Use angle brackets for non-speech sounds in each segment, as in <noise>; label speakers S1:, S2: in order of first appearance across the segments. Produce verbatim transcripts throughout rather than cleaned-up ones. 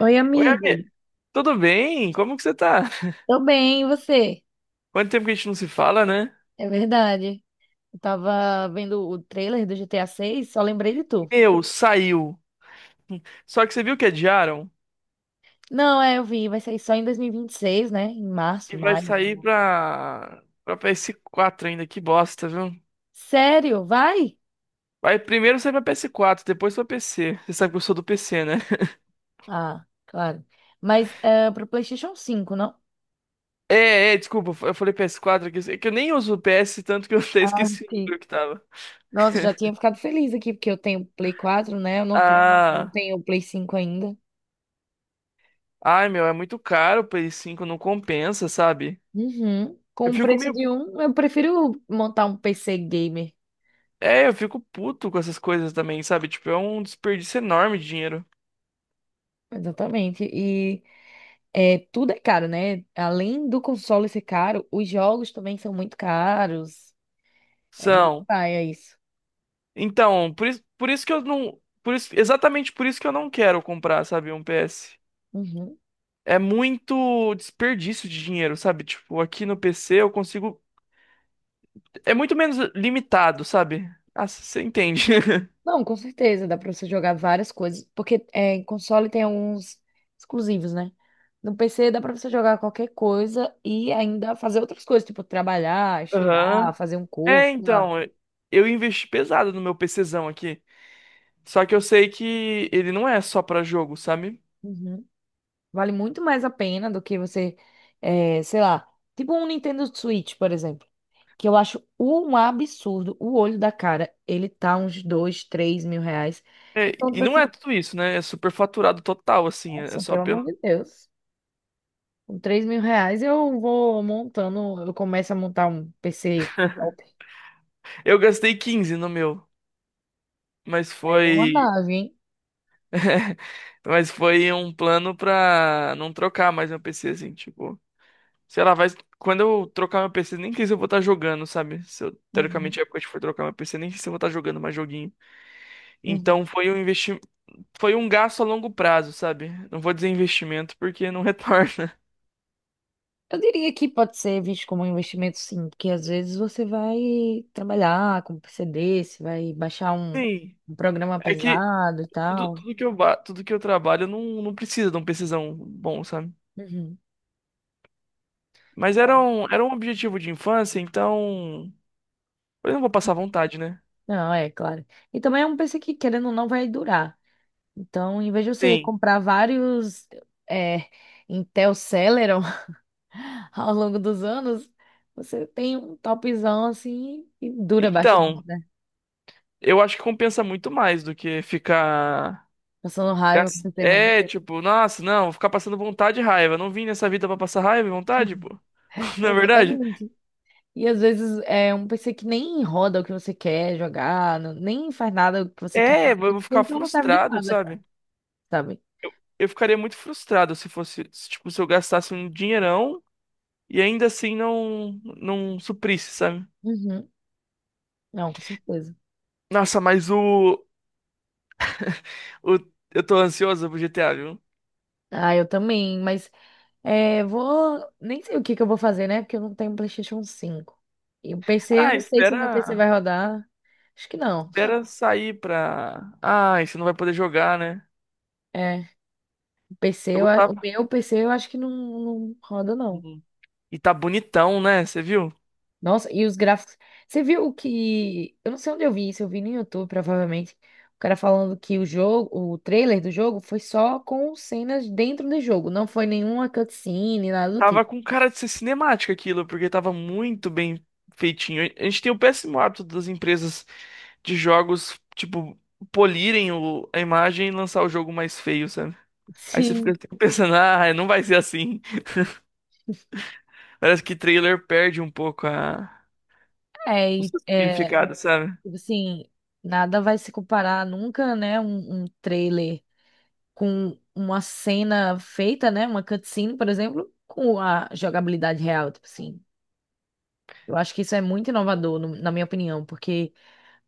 S1: Oi,
S2: Oi,
S1: amigo.
S2: amigo. Tudo bem? Como que você tá?
S1: Tô bem, e você?
S2: Quanto tempo que a gente não se fala, né?
S1: É verdade. Eu tava vendo o trailer do G T A seis, só lembrei de tu.
S2: Meu, saiu. Só que você viu que adiaram?
S1: Não, é, eu vi, vai sair só em dois mil e vinte e seis, né? Em março,
S2: E vai
S1: maio, sei
S2: sair
S1: lá.
S2: pra, pra P S quatro ainda. Que bosta, viu?
S1: Sério? Vai?
S2: Vai primeiro sai pra P S quatro, depois pra P C. Você sabe que eu sou do P C, né?
S1: Ah, claro. Mas é pro PlayStation cinco, não?
S2: É, é, desculpa. Eu falei P S quatro aqui. É que eu nem uso o P S, tanto que eu até
S1: Ah,
S2: esqueci o
S1: sim.
S2: número que tava.
S1: Nossa, já tinha ficado feliz aqui, porque eu tenho Play quatro, né? Eu não, te- não
S2: Ah,
S1: tenho o Play cinco ainda.
S2: ai, meu, é muito caro. O P S cinco não compensa, sabe?
S1: Uhum. Com
S2: Eu
S1: o
S2: fico
S1: preço
S2: meio.
S1: de um, eu prefiro montar um P C gamer.
S2: É, eu fico puto com essas coisas também, sabe? Tipo, é um desperdício enorme de dinheiro.
S1: Exatamente. E É, tudo é caro, né? Além do console ser caro, os jogos também são muito caros. É meio
S2: São.
S1: paia isso.
S2: Então, por isso, por isso que eu não. Por isso, exatamente por isso que eu não quero comprar, sabe, um P S.
S1: Uhum.
S2: É muito desperdício de dinheiro, sabe? Tipo, aqui no P C eu consigo. É muito menos limitado, sabe? Ah, você entende. <laughs>
S1: Não, com certeza, dá pra você jogar várias coisas, porque é, em console tem alguns exclusivos, né? No P C dá pra você jogar qualquer coisa e ainda fazer outras coisas, tipo trabalhar,
S2: Aham.
S1: estudar, fazer um
S2: É,
S1: curso, sei lá.
S2: então, eu investi pesado no meu PCzão aqui. Só que eu sei que ele não é só pra jogo, sabe?
S1: Uhum. Vale muito mais a pena do que você, eh, sei lá, tipo um Nintendo Switch, por exemplo, que eu acho um absurdo. O olho da cara, ele tá uns dois, três mil reais.
S2: É,
S1: Então,
S2: e
S1: tipo
S2: não é
S1: assim,
S2: tudo isso, né? É superfaturado total, assim. É
S1: nossa,
S2: só
S1: pelo
S2: pelo.
S1: amor de Deus. Com três mil reais eu vou montando, eu começo a montar um P C top.
S2: Eu gastei quinze no meu, mas
S1: Aí é uma
S2: foi.
S1: nave, hein?
S2: <laughs> Mas foi um plano pra não trocar mais meu P C, assim, tipo. Sei lá, vai. Quando eu trocar meu P C, nem sei se eu vou estar jogando, sabe? Se eu,
S1: Uhum.
S2: teoricamente, a época que eu for trocar meu P C, nem sei se eu vou estar jogando mais joguinho.
S1: Uhum.
S2: Então foi um investi... foi um gasto a longo prazo, sabe? Não vou dizer investimento porque não <laughs> retorna.
S1: Eu diria que pode ser visto como um investimento, sim, porque às vezes você vai trabalhar com P C D, você vai baixar um,
S2: Sim.
S1: um programa
S2: É que
S1: pesado e
S2: tudo,
S1: tal.
S2: tudo que eu, ba- tudo que eu trabalho não, não precisa de um PCzão bom, sabe?
S1: Uhum.
S2: Mas era um, era um objetivo de infância, então. Eu não vou passar vontade, né?
S1: Não, é claro. E também é um P C que, querendo ou não, vai durar. Então, em vez de você
S2: Sim.
S1: comprar vários é, Intel Celeron <laughs> ao longo dos anos, você tem um topzão assim e dura bastante,
S2: Então,
S1: né?
S2: eu acho que compensa muito mais do que ficar.
S1: Passando raiva com o
S2: gas-
S1: P C ruim.
S2: É, tipo, nossa, não, vou ficar passando vontade e raiva. Não vim nessa vida pra passar raiva e vontade, pô.
S1: <laughs>
S2: <laughs> Na verdade?
S1: Exatamente. E às vezes é um P C que nem roda o que você quer jogar, não- nem faz nada o que você quer
S2: É, eu
S1: fazer.
S2: vou
S1: Tipo,
S2: ficar
S1: então não serve de
S2: frustrado,
S1: nada, cara,
S2: sabe?
S1: sabe?
S2: Eu ficaria muito frustrado se fosse, se, tipo, se eu gastasse um dinheirão e ainda assim não, não suprisse, sabe?
S1: Uhum. Não, com certeza.
S2: Nossa, mas o, o. Eu tô ansioso pro G T A, viu?
S1: Ah, eu também, mas é, vou. Nem sei o que que eu vou fazer, né? Porque eu não tenho PlayStation cinco e o P C, eu
S2: Ah,
S1: não sei se o meu P C
S2: espera.
S1: vai rodar. Acho que não.
S2: Espera sair pra. Ah, você não vai poder jogar, né?
S1: É, o P C,
S2: Eu
S1: eu a- o
S2: gostava.
S1: meu P C eu acho que não, não roda, não.
S2: E tá bonitão, né? Você viu?
S1: Nossa, e os gráficos. Você viu o que? Eu não sei onde eu vi isso, eu vi no YouTube, provavelmente. O cara falando que o jogo, o trailer do jogo foi só com cenas dentro do jogo, não foi nenhuma cutscene, nada do
S2: Tava
S1: tipo.
S2: com cara de ser cinemática aquilo, porque tava muito bem feitinho. A gente tem o péssimo hábito das empresas de jogos, tipo, polirem o- a imagem e lançar o jogo mais feio, sabe? Aí você fica
S1: Sim,
S2: <laughs> pensando, ah, não vai ser assim. Parece que trailer perde um pouco a...
S1: é,
S2: o
S1: e,
S2: seu
S1: é,
S2: significado, sabe?
S1: tipo assim, nada vai se comparar nunca, né, um, um trailer com uma cena feita, né, uma cutscene, por exemplo, com a jogabilidade real, tipo assim. Eu acho que isso é muito inovador, no- na minha opinião, porque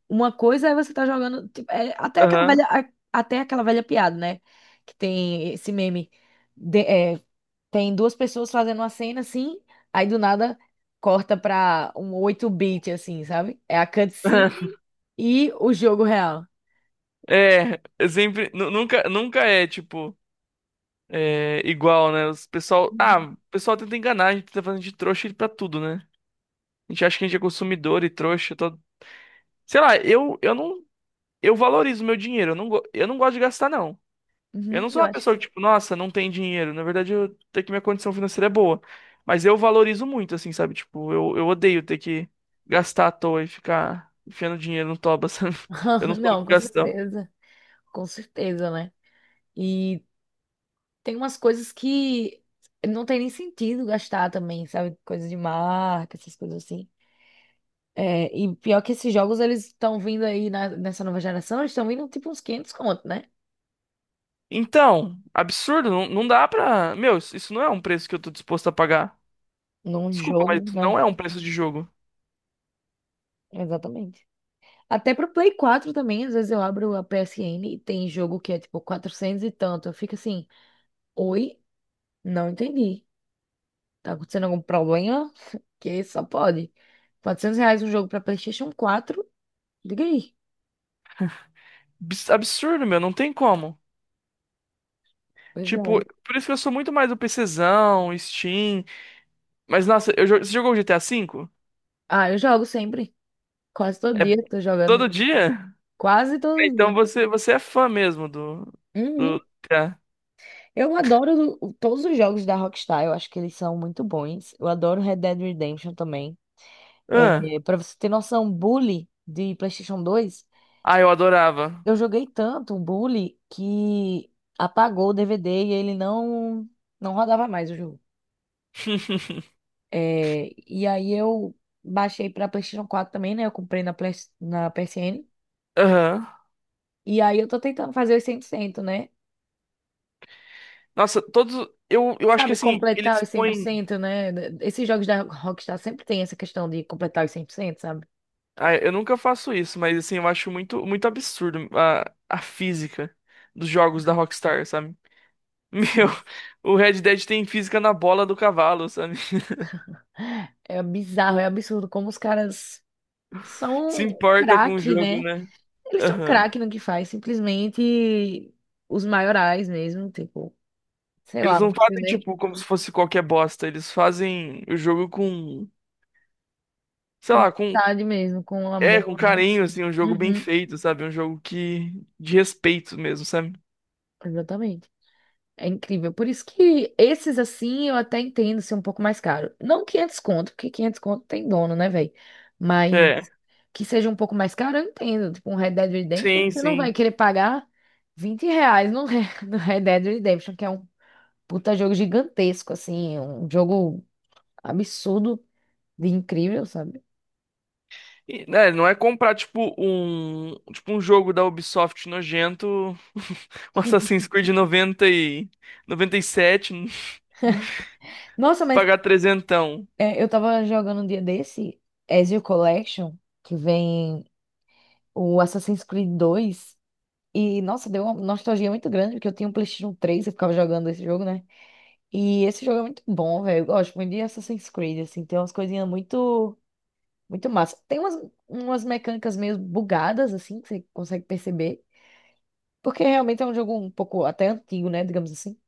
S1: uma coisa é você estar jogando, tipo, é até aquela velha,
S2: Aham.
S1: a- até aquela velha piada, né? Que tem esse meme. de- é, Tem duas pessoas fazendo uma cena assim, aí do nada corta pra um oito bit assim, sabe? É a cutscene
S2: <laughs>
S1: e o jogo real.
S2: É, sempre, nu- nunca, nunca é, tipo, é, igual, né? Os pessoal, ah,
S1: Uhum.
S2: o pessoal tenta enganar, a gente tá fazendo de trouxa pra tudo, né? A gente acha que a gente é consumidor e trouxa. Todo... Sei lá, eu, eu não. Eu valorizo meu dinheiro. Eu não, go- eu não gosto de gastar, não. Eu
S1: Uhum,
S2: não sou
S1: eu
S2: uma
S1: acho.
S2: pessoa que, tipo, nossa, não tem dinheiro. Na verdade, eu até que minha condição financeira é boa. Mas eu valorizo muito, assim, sabe? Tipo, eu, eu odeio ter que gastar à toa e ficar enfiando dinheiro no toba, <laughs> sabe? Eu não
S1: <laughs>
S2: sou
S1: Não,
S2: muito
S1: com
S2: gastão.
S1: certeza. Com certeza, né? E tem umas coisas que não tem nem sentido gastar também, sabe? Coisas de marca, essas coisas assim. É, e pior que esses jogos, eles estão vindo aí na- nessa nova geração, eles estão vindo tipo uns quinhentos conto, né?
S2: Então, absurdo, não, não dá pra. Meu, isso isso não é um preço que eu tô disposto a pagar.
S1: Num
S2: Desculpa, mas
S1: jogo,
S2: isso
S1: né?
S2: não é um preço de jogo.
S1: Exatamente. Até pro Play quatro também, às vezes eu abro a P S N e tem jogo que é tipo quatrocentos e tanto. Eu fico assim, oi? Não entendi. Tá acontecendo algum problema? <laughs> Que só pode. quatrocentos reais um jogo pra PlayStation quatro? Diga aí.
S2: Abs- Absurdo, meu, não tem como.
S1: Pois
S2: Tipo,
S1: é.
S2: por isso que eu sou muito mais do PCzão, Steam. Mas, nossa, eu, jo- você jogou o G T A V?
S1: Ah, eu jogo sempre. Quase todo
S2: É
S1: dia tô jogando.
S2: todo dia?
S1: Quase
S2: É,
S1: todo
S2: então
S1: dia.
S2: você, você é fã mesmo do, do
S1: Uhum.
S2: G T A.
S1: Eu adoro o- todos os jogos da Rockstar, eu acho que eles são muito bons. Eu adoro Red Dead Redemption também.
S2: Ah,
S1: É, para você ter noção, Bully de PlayStation dois,
S2: ah, eu adorava.
S1: eu joguei tanto o Bully que apagou o D V D e ele não não rodava mais o jogo.
S2: <laughs>
S1: É, e aí eu baixei para PlayStation quatro também, né? Eu comprei na, Play- na P S N.
S2: Aham.
S1: E aí eu tô tentando fazer os cem por cento, né?
S2: Nossa, todos. Eu, eu acho que
S1: Sabe,
S2: assim,
S1: completar
S2: eles
S1: os cem por
S2: põem.
S1: cento, né? Esses jogos da Rockstar sempre tem essa questão de completar os cem por cento, sabe?
S2: Ah, eu nunca faço isso, mas assim, eu acho muito, muito absurdo a, a física dos jogos da Rockstar, sabe? <laughs> Meu,
S1: Sim.
S2: o Red Dead tem física na bola do cavalo, sabe?
S1: É bizarro, é absurdo como os caras
S2: Se
S1: são
S2: importa com o
S1: craque,
S2: jogo,
S1: né?
S2: né?
S1: Eles são
S2: Aham.
S1: craque no que faz, simplesmente os maiorais mesmo, tipo, sei
S2: Eles
S1: lá, não
S2: não
S1: consigo
S2: fazem,
S1: nem
S2: tipo, como se fosse qualquer bosta. Eles fazem o jogo com, sei
S1: com
S2: lá, com,
S1: vontade mesmo, com
S2: é,
S1: amor,
S2: com
S1: né?
S2: carinho, assim, um jogo bem
S1: Uhum,
S2: feito, sabe? Um jogo que, de respeito mesmo, sabe?
S1: exatamente. É incrível. Por isso que esses assim eu até entendo ser um pouco mais caro. Não quinhentos conto, porque quinhentos conto tem dono, né, velho? Mas
S2: É.
S1: que seja um pouco mais caro, eu entendo. Tipo, um Red Dead Redemption,
S2: Sim,
S1: você não vai
S2: sim.
S1: querer pagar vinte reais no, Re- <laughs> no Red Dead Redemption, que é um puta jogo gigantesco, assim, um jogo absurdo de incrível, sabe?
S2: E, né, não é comprar, tipo, um, tipo, um jogo da Ubisoft nojento, <laughs> um Assassin's Creed noventa e noventa e sete, <laughs>
S1: Nossa, mas
S2: pagar trezentão.
S1: é, eu tava jogando um dia desse, Ezio Collection, que vem o Assassin's Creed dois. E, nossa, deu uma nostalgia muito grande, porque eu tinha um PlayStation três e ficava jogando esse jogo, né? E esse jogo é muito bom, velho. Eu gosto muito de Assassin's Creed, assim, tem umas coisinhas muito muito massa. Tem umas, umas mecânicas meio bugadas, assim, que você consegue perceber. Porque realmente é um jogo um pouco até antigo, né? Digamos assim.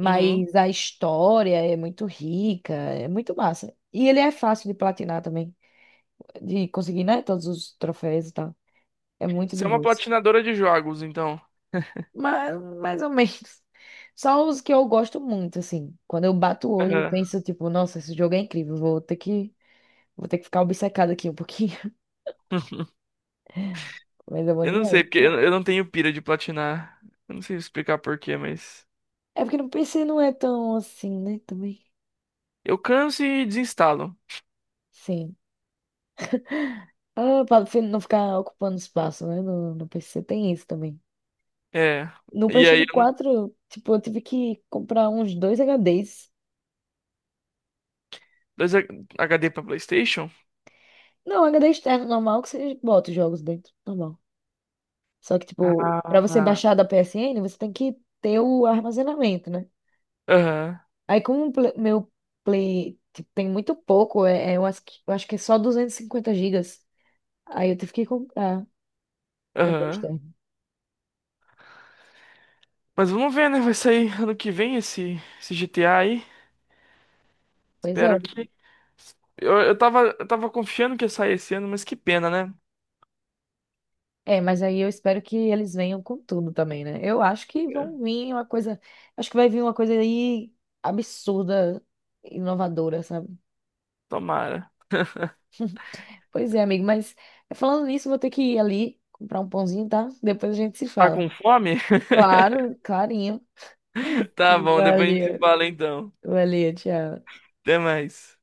S2: Uhum.
S1: a história é muito rica, é muito massa. E ele é fácil de platinar também. De conseguir, né? Todos os troféus e tal. É muito
S2: Você
S1: de
S2: é uma
S1: boas.
S2: platinadora de jogos, então.
S1: Mas, mais ou menos. Só os que eu gosto muito, assim. Quando eu bato o olho, eu
S2: Aham.
S1: penso, tipo, nossa, esse jogo é incrível. Vou ter que, vou ter que ficar obcecado aqui um pouquinho. <laughs>
S2: <laughs>
S1: Mas é bom
S2: Eu não sei,
S1: demais.
S2: porque eu eu não tenho pira de platinar. Eu não sei explicar por quê, mas.
S1: É porque no P C não é tão assim, né? Também.
S2: Eu canso e desinstalo.
S1: Sim. Ah, pra você não ficar ocupando espaço, né? No, no P C tem isso também.
S2: É.
S1: No
S2: E aí,
S1: PlayStation
S2: eu não-
S1: quatro, tipo, eu tive que comprar uns dois H Ds.
S2: dois H- HD pra PlayStation?
S1: Não, H D externo normal que você bota os jogos dentro, normal. Só que, tipo, pra você
S2: Ah.
S1: baixar da P S N, você tem que ter o armazenamento, né?
S2: Aham,
S1: Aí, como o Play- meu Play, tipo, tem muito pouco, é, é, eu acho que, eu acho que é só duzentos e cinquenta gigas. Aí eu tive que comprar H D
S2: aham.
S1: externo.
S2: Mas vamos ver, né? Vai sair ano que vem esse, esse G T A aí.
S1: Pois é.
S2: Espero que. Eu, eu tava, eu tava confiando que ia sair esse ano, mas que pena, né?
S1: É, mas aí eu espero que eles venham com tudo também, né? Eu acho que
S2: É.
S1: vão vir uma coisa. Acho que vai vir uma coisa aí absurda, inovadora, sabe?
S2: Tomara.
S1: Pois é, amigo, mas falando nisso, vou ter que ir ali comprar um pãozinho, tá? Depois a gente se
S2: Tá
S1: fala.
S2: com fome?
S1: Claro, clarinho.
S2: <laughs> Tá bom, depois a gente
S1: Valeu,
S2: se fala então.
S1: valeu, tchau.
S2: Até mais.